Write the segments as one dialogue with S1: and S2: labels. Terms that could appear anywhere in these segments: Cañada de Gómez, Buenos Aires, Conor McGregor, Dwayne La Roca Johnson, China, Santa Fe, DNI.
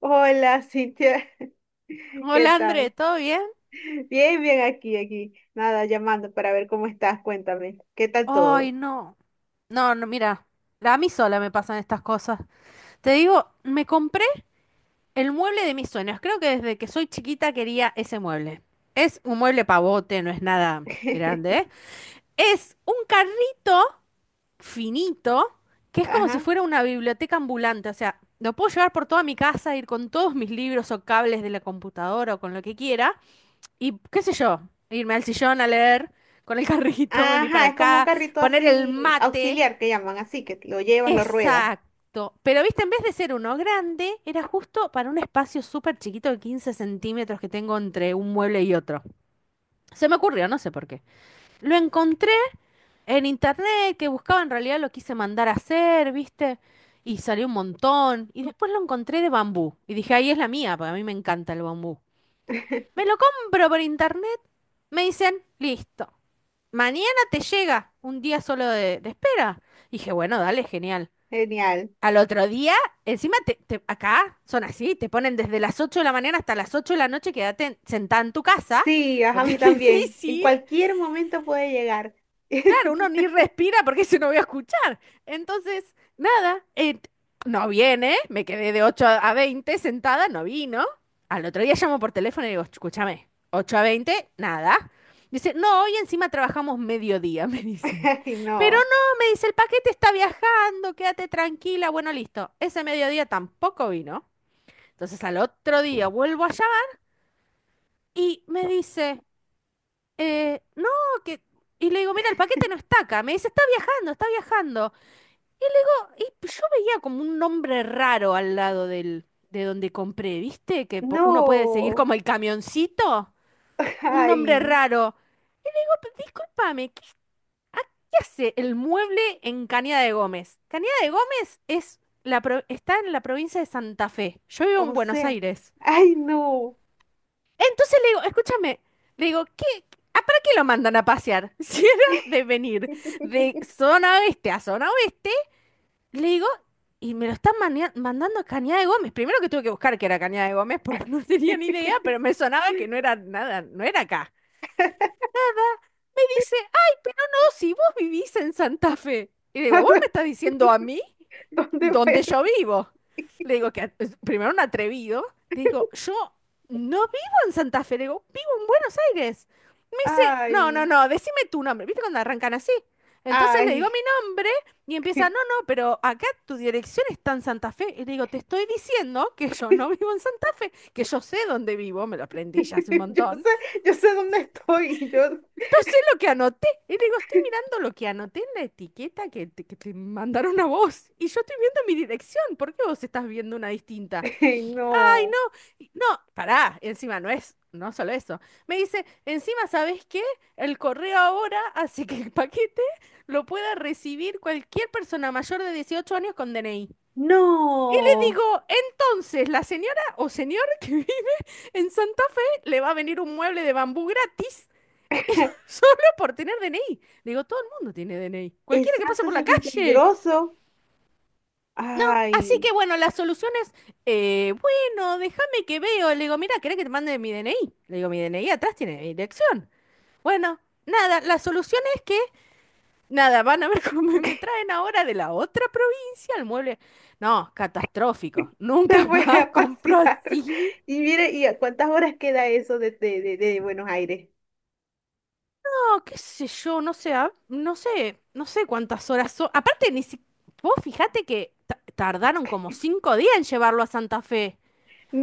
S1: Hola, Cintia. ¿Qué
S2: Hola André,
S1: tal?
S2: ¿todo bien?
S1: Bien, bien aquí. Nada, llamando para ver cómo estás. Cuéntame, ¿qué tal
S2: Ay,
S1: todo?
S2: no. No, no, mira, a mí sola me pasan estas cosas. Te digo, me compré el mueble de mis sueños. Creo que desde que soy chiquita quería ese mueble. Es un mueble pavote, no es nada grande, ¿eh? Es un carrito finito que es como si
S1: Ajá.
S2: fuera una biblioteca ambulante. O sea, lo puedo llevar por toda mi casa, ir con todos mis libros o cables de la computadora o con lo que quiera. Y qué sé yo, irme al sillón a leer con el carrito, venir para
S1: Ajá, es como un
S2: acá,
S1: carrito
S2: poner el
S1: así,
S2: mate.
S1: auxiliar que llaman, así que lo llevas, lo ruedas.
S2: Exacto. Pero viste, en vez de ser uno grande, era justo para un espacio súper chiquito de 15 centímetros que tengo entre un mueble y otro. Se me ocurrió, no sé por qué. Lo encontré en internet, que buscaba en realidad lo quise mandar a hacer, viste, y salió un montón. Y después lo encontré de bambú. Y dije, ahí es la mía, porque a mí me encanta el bambú. Me lo compro por internet, me dicen, listo. Mañana te llega un día solo de espera. Dije, bueno, dale, genial.
S1: Genial.
S2: Al otro día, encima acá son así, te ponen desde las 8 de la mañana hasta las 8 de la noche, quédate sentada en tu casa,
S1: Sí,
S2: lo
S1: ajá, a
S2: que
S1: mí
S2: es
S1: también. En
S2: difícil.
S1: cualquier momento puede llegar.
S2: Claro, uno ni
S1: Entonces,
S2: respira porque se no voy a escuchar. Entonces, nada, no viene, me quedé de 8 a 20 sentada, no vino. Al otro día llamo por teléfono y digo, escúchame, 8 a 20, nada. Dice, no, hoy encima trabajamos mediodía, me dice.
S1: Ay,
S2: Pero
S1: no.
S2: no, me dice, el paquete está viajando, quédate tranquila. Bueno, listo. Ese mediodía tampoco vino. Entonces al otro día vuelvo allá y me dice, no, que... Y le digo, mira, el paquete no está acá. Me dice, está viajando, está viajando. Y yo veía como un nombre raro al lado de donde compré, ¿viste? Que uno puede seguir
S1: No.
S2: como el camioncito. Un nombre
S1: Ay,
S2: raro. Disculpame, discúlpame, ¿qué, qué hace el mueble en Cañada de Gómez? Cañada de Gómez es la pro- está en la provincia de Santa Fe. Yo vivo en
S1: o
S2: Buenos
S1: sea,
S2: Aires.
S1: ay, no.
S2: Entonces le digo, escúchame, le digo, ¿A para qué lo mandan a pasear? Si era de venir de zona oeste a zona oeste. Le digo, y me lo están mandando a Cañada de Gómez. Primero que tuve que buscar que era Cañada de Gómez porque no tenía ni idea, pero me sonaba que no era nada, no era acá. Me dice, ah, si vos vivís en Santa Fe. Y digo, ¿vos me estás diciendo a mí?
S1: ¿Dónde
S2: Donde
S1: voy?
S2: yo vivo. Le digo que es primero un atrevido, le digo, yo no vivo en Santa Fe, le digo, vivo en Buenos Aires. Me dice, no, no,
S1: Ay,
S2: no, decime tu nombre. ¿Viste cuando arrancan así? Entonces le digo
S1: ay.
S2: mi nombre y empieza, no, no, pero acá tu dirección está en Santa Fe. Y le digo, te estoy diciendo que yo no vivo en Santa Fe, que yo sé dónde vivo, me lo aprendí ya hace un
S1: Yo
S2: montón.
S1: sé, yo sé dónde estoy.
S2: No sé lo que anoté. Y digo, estoy mirando lo que anoté en la etiqueta que te mandaron a vos. Y yo estoy viendo mi dirección. ¿Por qué vos estás viendo una distinta?
S1: Ay,
S2: Ay, no.
S1: no,
S2: No, pará. Encima no es, no solo eso. Me dice, encima, ¿sabés qué? El correo ahora hace que el paquete lo pueda recibir cualquier persona mayor de 18 años con DNI. Le digo,
S1: no.
S2: entonces, la señora o señor que vive en Santa Fe le va a venir un mueble de bambú gratis solo por tener DNI. Digo, todo el mundo tiene DNI. Cualquiera que pase
S1: Exacto,
S2: por
S1: eso
S2: la
S1: es muy
S2: calle.
S1: peligroso.
S2: No, así
S1: Ay,
S2: que bueno, la solución es, bueno, déjame que veo. Le digo, mira, ¿querés que te mande mi DNI? Le digo, mi DNI atrás tiene mi dirección. Bueno, nada, la solución es que, nada, van a ver cómo me traen ahora de la otra provincia al mueble. No, catastrófico.
S1: se
S2: Nunca
S1: fue
S2: más
S1: a
S2: compro
S1: pasear.
S2: así.
S1: Y mire, ¿y a cuántas horas queda eso de Buenos Aires?
S2: No, qué sé yo, no sé, ah, no sé, no sé cuántas horas son. Aparte, ni si... Vos fijate que tardaron como 5 días en llevarlo a Santa Fe.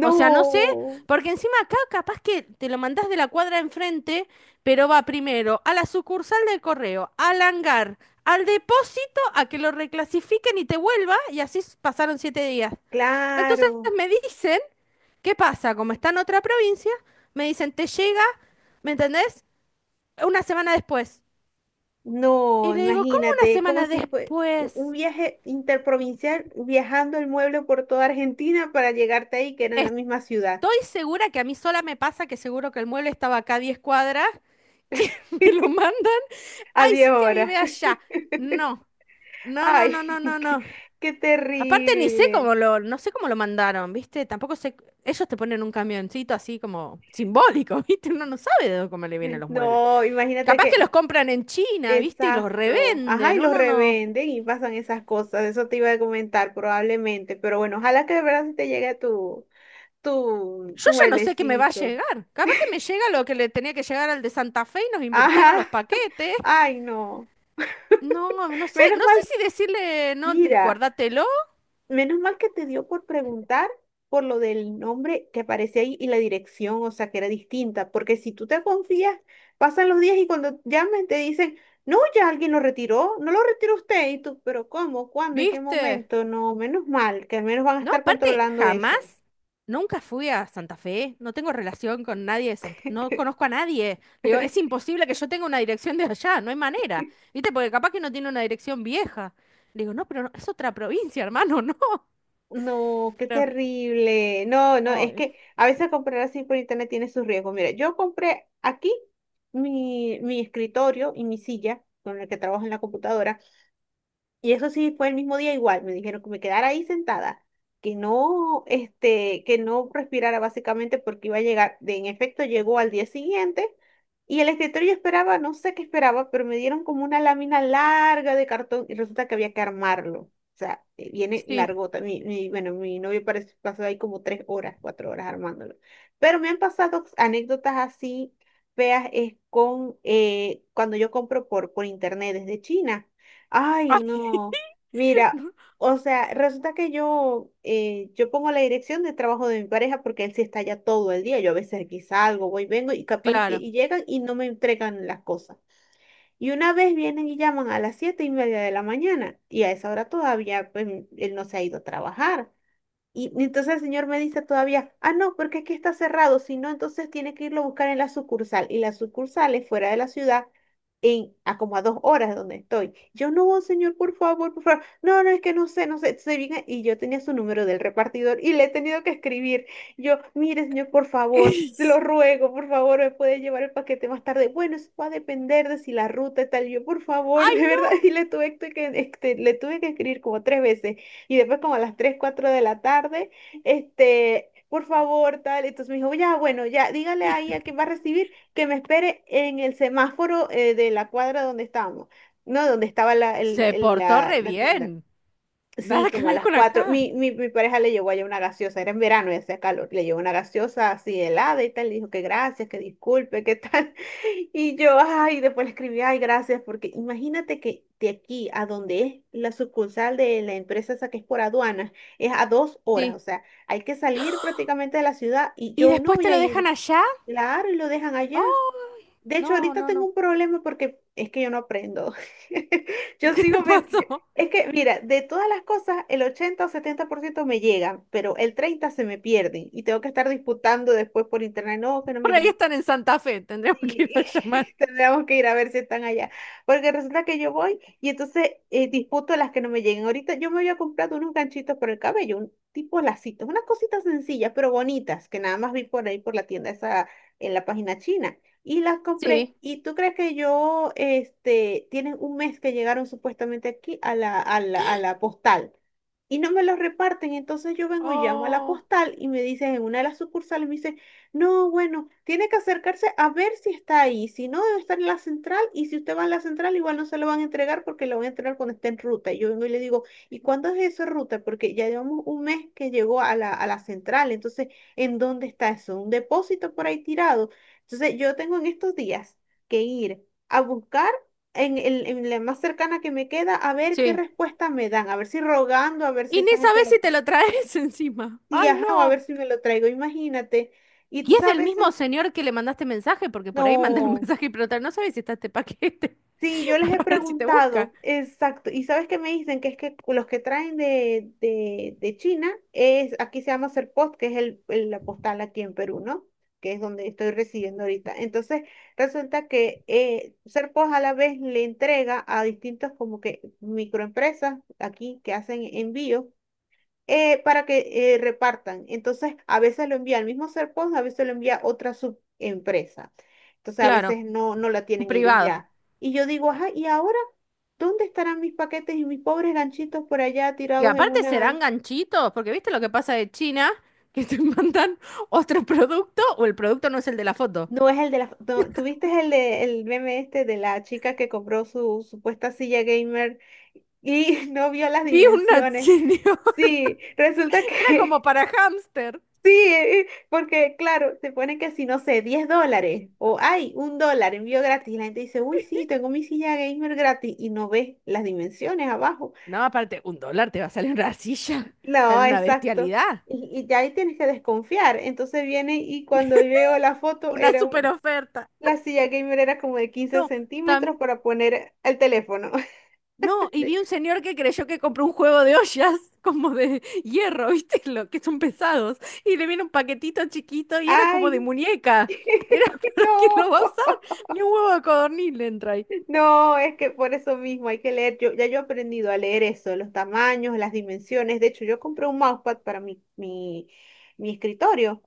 S2: O sea, no sé, porque encima acá capaz que te lo mandás de la cuadra enfrente, pero va primero a la sucursal del correo, al hangar, al depósito, a que lo reclasifiquen y te vuelva, y así pasaron 7 días. Entonces
S1: claro.
S2: me dicen, ¿qué pasa? Como está en otra provincia, me dicen, te llega, ¿me entendés? Una semana después. Y
S1: No,
S2: le digo, ¿cómo una
S1: imagínate, es como
S2: semana
S1: si fue un
S2: después?
S1: viaje interprovincial viajando el mueble por toda Argentina para llegarte ahí, que era en la misma
S2: Estoy
S1: ciudad,
S2: segura que a mí sola me pasa que seguro que el mueble estaba acá a 10 cuadras y me lo mandan.
S1: a
S2: Ay,
S1: 10
S2: sí te vive
S1: horas.
S2: allá. No, no, no,
S1: Ay,
S2: no, no, no,
S1: qué,
S2: no.
S1: qué
S2: Aparte ni sé
S1: terrible.
S2: cómo lo, no sé cómo lo mandaron, ¿viste? Tampoco sé, ellos te ponen un camioncito así como simbólico, ¿viste? Uno no sabe de dónde, cómo le vienen los muebles.
S1: No, imagínate
S2: Capaz que
S1: que,
S2: los compran en China, ¿viste? Y los
S1: exacto. Ajá, y
S2: revenden,
S1: los
S2: uno no.
S1: revenden y pasan esas cosas. Eso te iba a comentar probablemente, pero bueno, ojalá que de verdad sí te llegue tu, tu,
S2: Yo
S1: tu
S2: ya no sé qué me va a
S1: mueblecito.
S2: llegar. Capaz que me llega lo que le tenía que llegar al de Santa Fe y nos invirtieron los
S1: Ajá,
S2: paquetes.
S1: ay, no.
S2: No, no sé,
S1: Menos
S2: no sé
S1: mal,
S2: si decirle, no,
S1: mira.
S2: guárdatelo,
S1: Menos mal que te dio por preguntar por lo del nombre que aparece ahí y la dirección, o sea, que era distinta, porque si tú te confías, pasan los días y cuando llamen te dicen, no, ya alguien lo retiró, no lo retiró usted, y tú, pero ¿cómo? ¿Cuándo? ¿En qué
S2: ¿viste?
S1: momento? No, menos mal, que al menos van a
S2: No,
S1: estar
S2: aparte,
S1: controlando eso.
S2: jamás, nunca fui a Santa Fe, no tengo relación con nadie de Santa, no conozco a nadie. Le digo, es imposible que yo tenga una dirección de allá, no hay manera, ¿viste? Porque capaz que no tiene una dirección vieja. Le digo, no, pero no, es otra provincia, hermano, no.
S1: No, qué
S2: Pero,
S1: terrible. No, no, es
S2: ay,
S1: que a veces comprar así por internet tiene sus riesgos. Mira, yo compré aquí mi escritorio y mi silla con el que trabajo en la computadora. Y eso sí fue el mismo día igual, me dijeron que me quedara ahí sentada, que no, que no respirara básicamente porque iba a llegar, en efecto llegó al día siguiente y el escritorio yo esperaba, no sé qué esperaba, pero me dieron como una lámina larga de cartón y resulta que había que armarlo. O sea, viene
S2: sí.
S1: largota. Bueno, mi novio parece, pasó ahí como tres horas, cuatro horas armándolo. Pero me han pasado anécdotas así feas es con cuando yo compro por internet desde China. Ay,
S2: Ay,
S1: no. Mira, o sea, resulta que yo pongo la dirección de trabajo de mi pareja porque él sí está allá todo el día. Yo a veces aquí salgo, voy, vengo y capaz y que
S2: claro.
S1: y llegan y no me entregan las cosas. Y una vez vienen y llaman a las 7:30 de la mañana y a esa hora todavía pues, él no se ha ido a trabajar. Y entonces el señor me dice todavía, ah, no, porque aquí está cerrado, si no, entonces tiene que irlo a buscar en la sucursal. Y la sucursal es fuera de la ciudad, a como a dos horas de donde estoy. Yo no, señor, por favor, por favor. No, no, es que no sé, no sé. Se viene, y yo tenía su número del repartidor y le he tenido que escribir. Yo, mire, señor, por favor, te lo ruego, por favor, me puede llevar el paquete más tarde. Bueno, eso va a depender de si la ruta y tal. Yo, por favor,
S2: Ay,
S1: de verdad, y le tuve le tuve que escribir como tres veces y después como a las 3 4 de la tarde, por favor, tal. Entonces me dijo, ya, bueno, ya, dígale ahí a quien va a recibir que me espere en el semáforo de la cuadra donde estábamos, ¿no? Donde estaba la,
S2: se
S1: el-
S2: portó
S1: la,
S2: re
S1: la tienda.
S2: bien.
S1: Sí,
S2: Nada que
S1: como a
S2: ver
S1: las
S2: con
S1: cuatro.
S2: acá.
S1: Mi pareja le llevó allá una gaseosa, era en verano y hacía calor. Le llevó una gaseosa así helada y tal. Le dijo que gracias, que disculpe, que tal. Y yo, ay, después le escribí, ay, gracias, porque imagínate que de aquí a donde es la sucursal de la empresa esa que es por aduanas, es a dos horas.
S2: Sí.
S1: O sea, hay que salir prácticamente de la ciudad y
S2: ¿Y
S1: yo no
S2: después
S1: voy
S2: te
S1: a
S2: lo dejan
S1: ir.
S2: allá?
S1: Claro, y lo dejan allá.
S2: Oh,
S1: De hecho,
S2: no,
S1: ahorita
S2: no,
S1: tengo
S2: no.
S1: un problema porque es que yo no aprendo. Yo
S2: ¿Qué te pasó?
S1: es que mira, de todas las cosas, el 80 o 70% me llegan, pero el 30 se me pierden y tengo que estar disputando después por internet, no, que no me...
S2: Por ahí están en Santa Fe, tendremos que
S1: Sí,
S2: ir a llamar.
S1: tendríamos que ir a ver si están allá. Porque resulta que yo voy y entonces disputo las que no me lleguen. Ahorita yo me había comprado unos ganchitos para el cabello, un tipo lacitos, unas cositas sencillas pero bonitas que nada más vi por ahí por la tienda esa en la página china. Y las compré.
S2: Sí,
S1: ¿Y tú crees que tienen un mes que llegaron supuestamente aquí a a la postal? Y no me los reparten. Entonces yo vengo y llamo a la
S2: oh.
S1: postal y me dicen en una de las sucursales, me dicen, no, bueno, tiene que acercarse a ver si está ahí. Si no, debe estar en la central. Y si usted va a la central, igual no se lo van a entregar porque lo van a entregar cuando esté en ruta. Y yo vengo y le digo, ¿y cuándo es eso, ruta? Porque ya llevamos un mes que llegó a a la central. Entonces, ¿en dónde está eso? ¿Un depósito por ahí tirado? Entonces, yo tengo en estos días que ir a buscar en la más cercana que me queda a ver qué
S2: Sí.
S1: respuesta me dan. A ver si rogando, a ver si
S2: Y
S1: esa
S2: ni
S1: gente
S2: sabes
S1: lo...
S2: si te lo traes encima.
S1: Sí,
S2: Ay,
S1: ajá, o a ver
S2: no.
S1: si me lo traigo. Imagínate. Y
S2: Y
S1: tú
S2: es del
S1: sabes...
S2: mismo señor que le mandaste mensaje, porque por ahí mandé un
S1: No,
S2: mensaje y preguntar, no sabes si está este paquete
S1: sí, yo les he
S2: para ver si te busca.
S1: preguntado, exacto, y sabes que me dicen que es que los que traen de China es, aquí se llama Serpost, que es la postal aquí en Perú, ¿no? Que es donde estoy residiendo ahorita. Entonces, resulta que Serpost a la vez le entrega a distintos como que microempresas aquí que hacen envíos para que repartan. Entonces, a veces lo envía el mismo Serpons, a veces lo envía otra subempresa. Entonces, a
S2: Claro,
S1: veces no la
S2: un
S1: tienen ellos
S2: privado.
S1: ya. Y yo digo, ajá, ¿y ahora dónde estarán mis paquetes y mis pobres ganchitos por allá
S2: Y
S1: tirados en
S2: aparte serán
S1: una...
S2: ganchitos, porque viste lo que pasa de China, que te mandan otro producto o el producto no es el de la foto.
S1: No es el de la... no, ¿tuviste el el meme este de la chica que compró su supuesta silla gamer y no vio las
S2: Vi una
S1: dimensiones?
S2: señora,
S1: Sí, resulta
S2: era como
S1: que...
S2: para hámster.
S1: Sí, porque claro, te ponen que si no sé, 10 dólares o hay un dólar envío gratis. Y la gente dice, uy, sí, tengo mi silla gamer gratis y no ves las dimensiones abajo.
S2: No, aparte, un dólar te va a salir una silla,
S1: No,
S2: sale una
S1: exacto.
S2: bestialidad,
S1: Y ya ahí tienes que desconfiar. Entonces viene y cuando veo la foto,
S2: una super oferta.
S1: la silla gamer era como de quince
S2: No,
S1: centímetros
S2: también
S1: para poner el teléfono.
S2: no, y
S1: De...
S2: vi un señor que creyó que compró un juego de ollas como de hierro, ¿viste? Lo que son pesados. Y le viene un paquetito chiquito y era como de
S1: Ay,
S2: muñeca. Era para que
S1: no.
S2: lo va a usar. Ni un huevo de codorniz le entra ahí.
S1: No, es que por eso mismo hay que leer. Yo, ya yo he aprendido a leer eso, los tamaños, las dimensiones. De hecho, yo compré un mousepad para mi escritorio.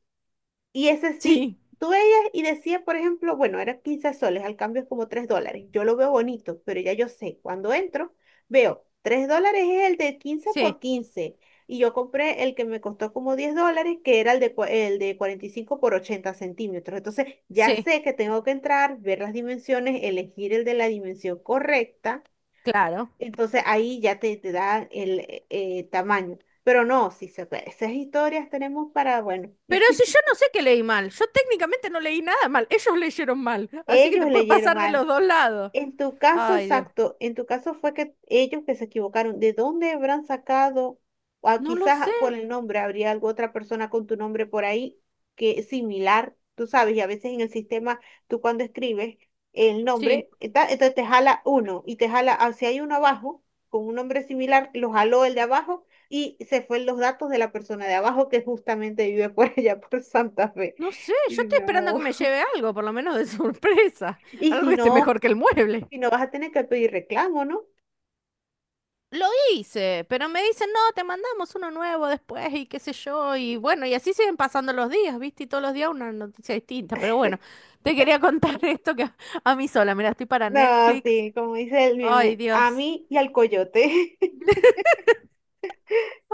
S1: Y ese sí,
S2: Sí,
S1: tú veías y decía, por ejemplo, bueno, eran 15 soles, al cambio es como 3 dólares. Yo lo veo bonito, pero ya yo sé, cuando entro, veo 3 dólares es el de quince
S2: sí,
S1: por quince Y yo compré el que me costó como 10 dólares, que era el el de 45 por 80 cm. Entonces, ya
S2: sí,
S1: sé que tengo que entrar, ver las dimensiones, elegir el de la dimensión correcta.
S2: claro.
S1: Entonces, ahí ya te da el tamaño. Pero no, si se, esas historias tenemos para, bueno.
S2: Pero si yo no sé que leí mal, yo técnicamente no leí nada mal, ellos leyeron mal, así que
S1: Ellos
S2: te puede
S1: leyeron
S2: pasar de
S1: algo.
S2: los dos lados.
S1: En tu caso,
S2: Ay, Dios.
S1: exacto, en tu caso fue que ellos que se equivocaron, ¿de dónde habrán sacado? O
S2: No lo sé.
S1: quizás por el nombre, habría alguna otra persona con tu nombre por ahí que es similar, tú sabes, y a veces en el sistema, tú cuando escribes el
S2: Sí,
S1: nombre, está... entonces te jala uno y te jala, ah, si hay uno abajo con un nombre similar, lo jaló el de abajo y se fue los datos de la persona de abajo que justamente vive por allá, por Santa Fe.
S2: no sé, yo
S1: Y
S2: estoy esperando a que
S1: no,
S2: me lleve algo, por lo menos de sorpresa,
S1: y
S2: algo
S1: si
S2: que esté mejor
S1: no,
S2: que el mueble.
S1: si no vas a tener que pedir reclamo, ¿no?
S2: Lo hice, pero me dicen, no, te mandamos uno nuevo después y qué sé yo, y bueno, y así siguen pasando los días, ¿viste? Y todos los días una noticia distinta, pero bueno, te quería contar esto que a mí sola, mira, estoy para
S1: No,
S2: Netflix.
S1: sí, como dice el
S2: Ay,
S1: meme, a
S2: Dios,
S1: mí y al coyote.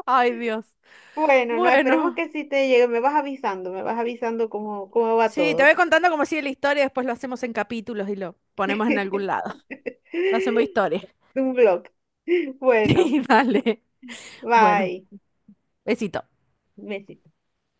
S2: ay, Dios.
S1: Bueno, no, esperemos
S2: Bueno,
S1: que sí te llegue. Me vas avisando cómo, cómo va
S2: sí, te
S1: todo.
S2: voy contando cómo sigue la historia, después lo hacemos en capítulos y lo ponemos en algún lado. Lo hacemos historia.
S1: Un blog. Bueno,
S2: Sí, dale. Bueno,
S1: bye.
S2: besito.
S1: Besitos.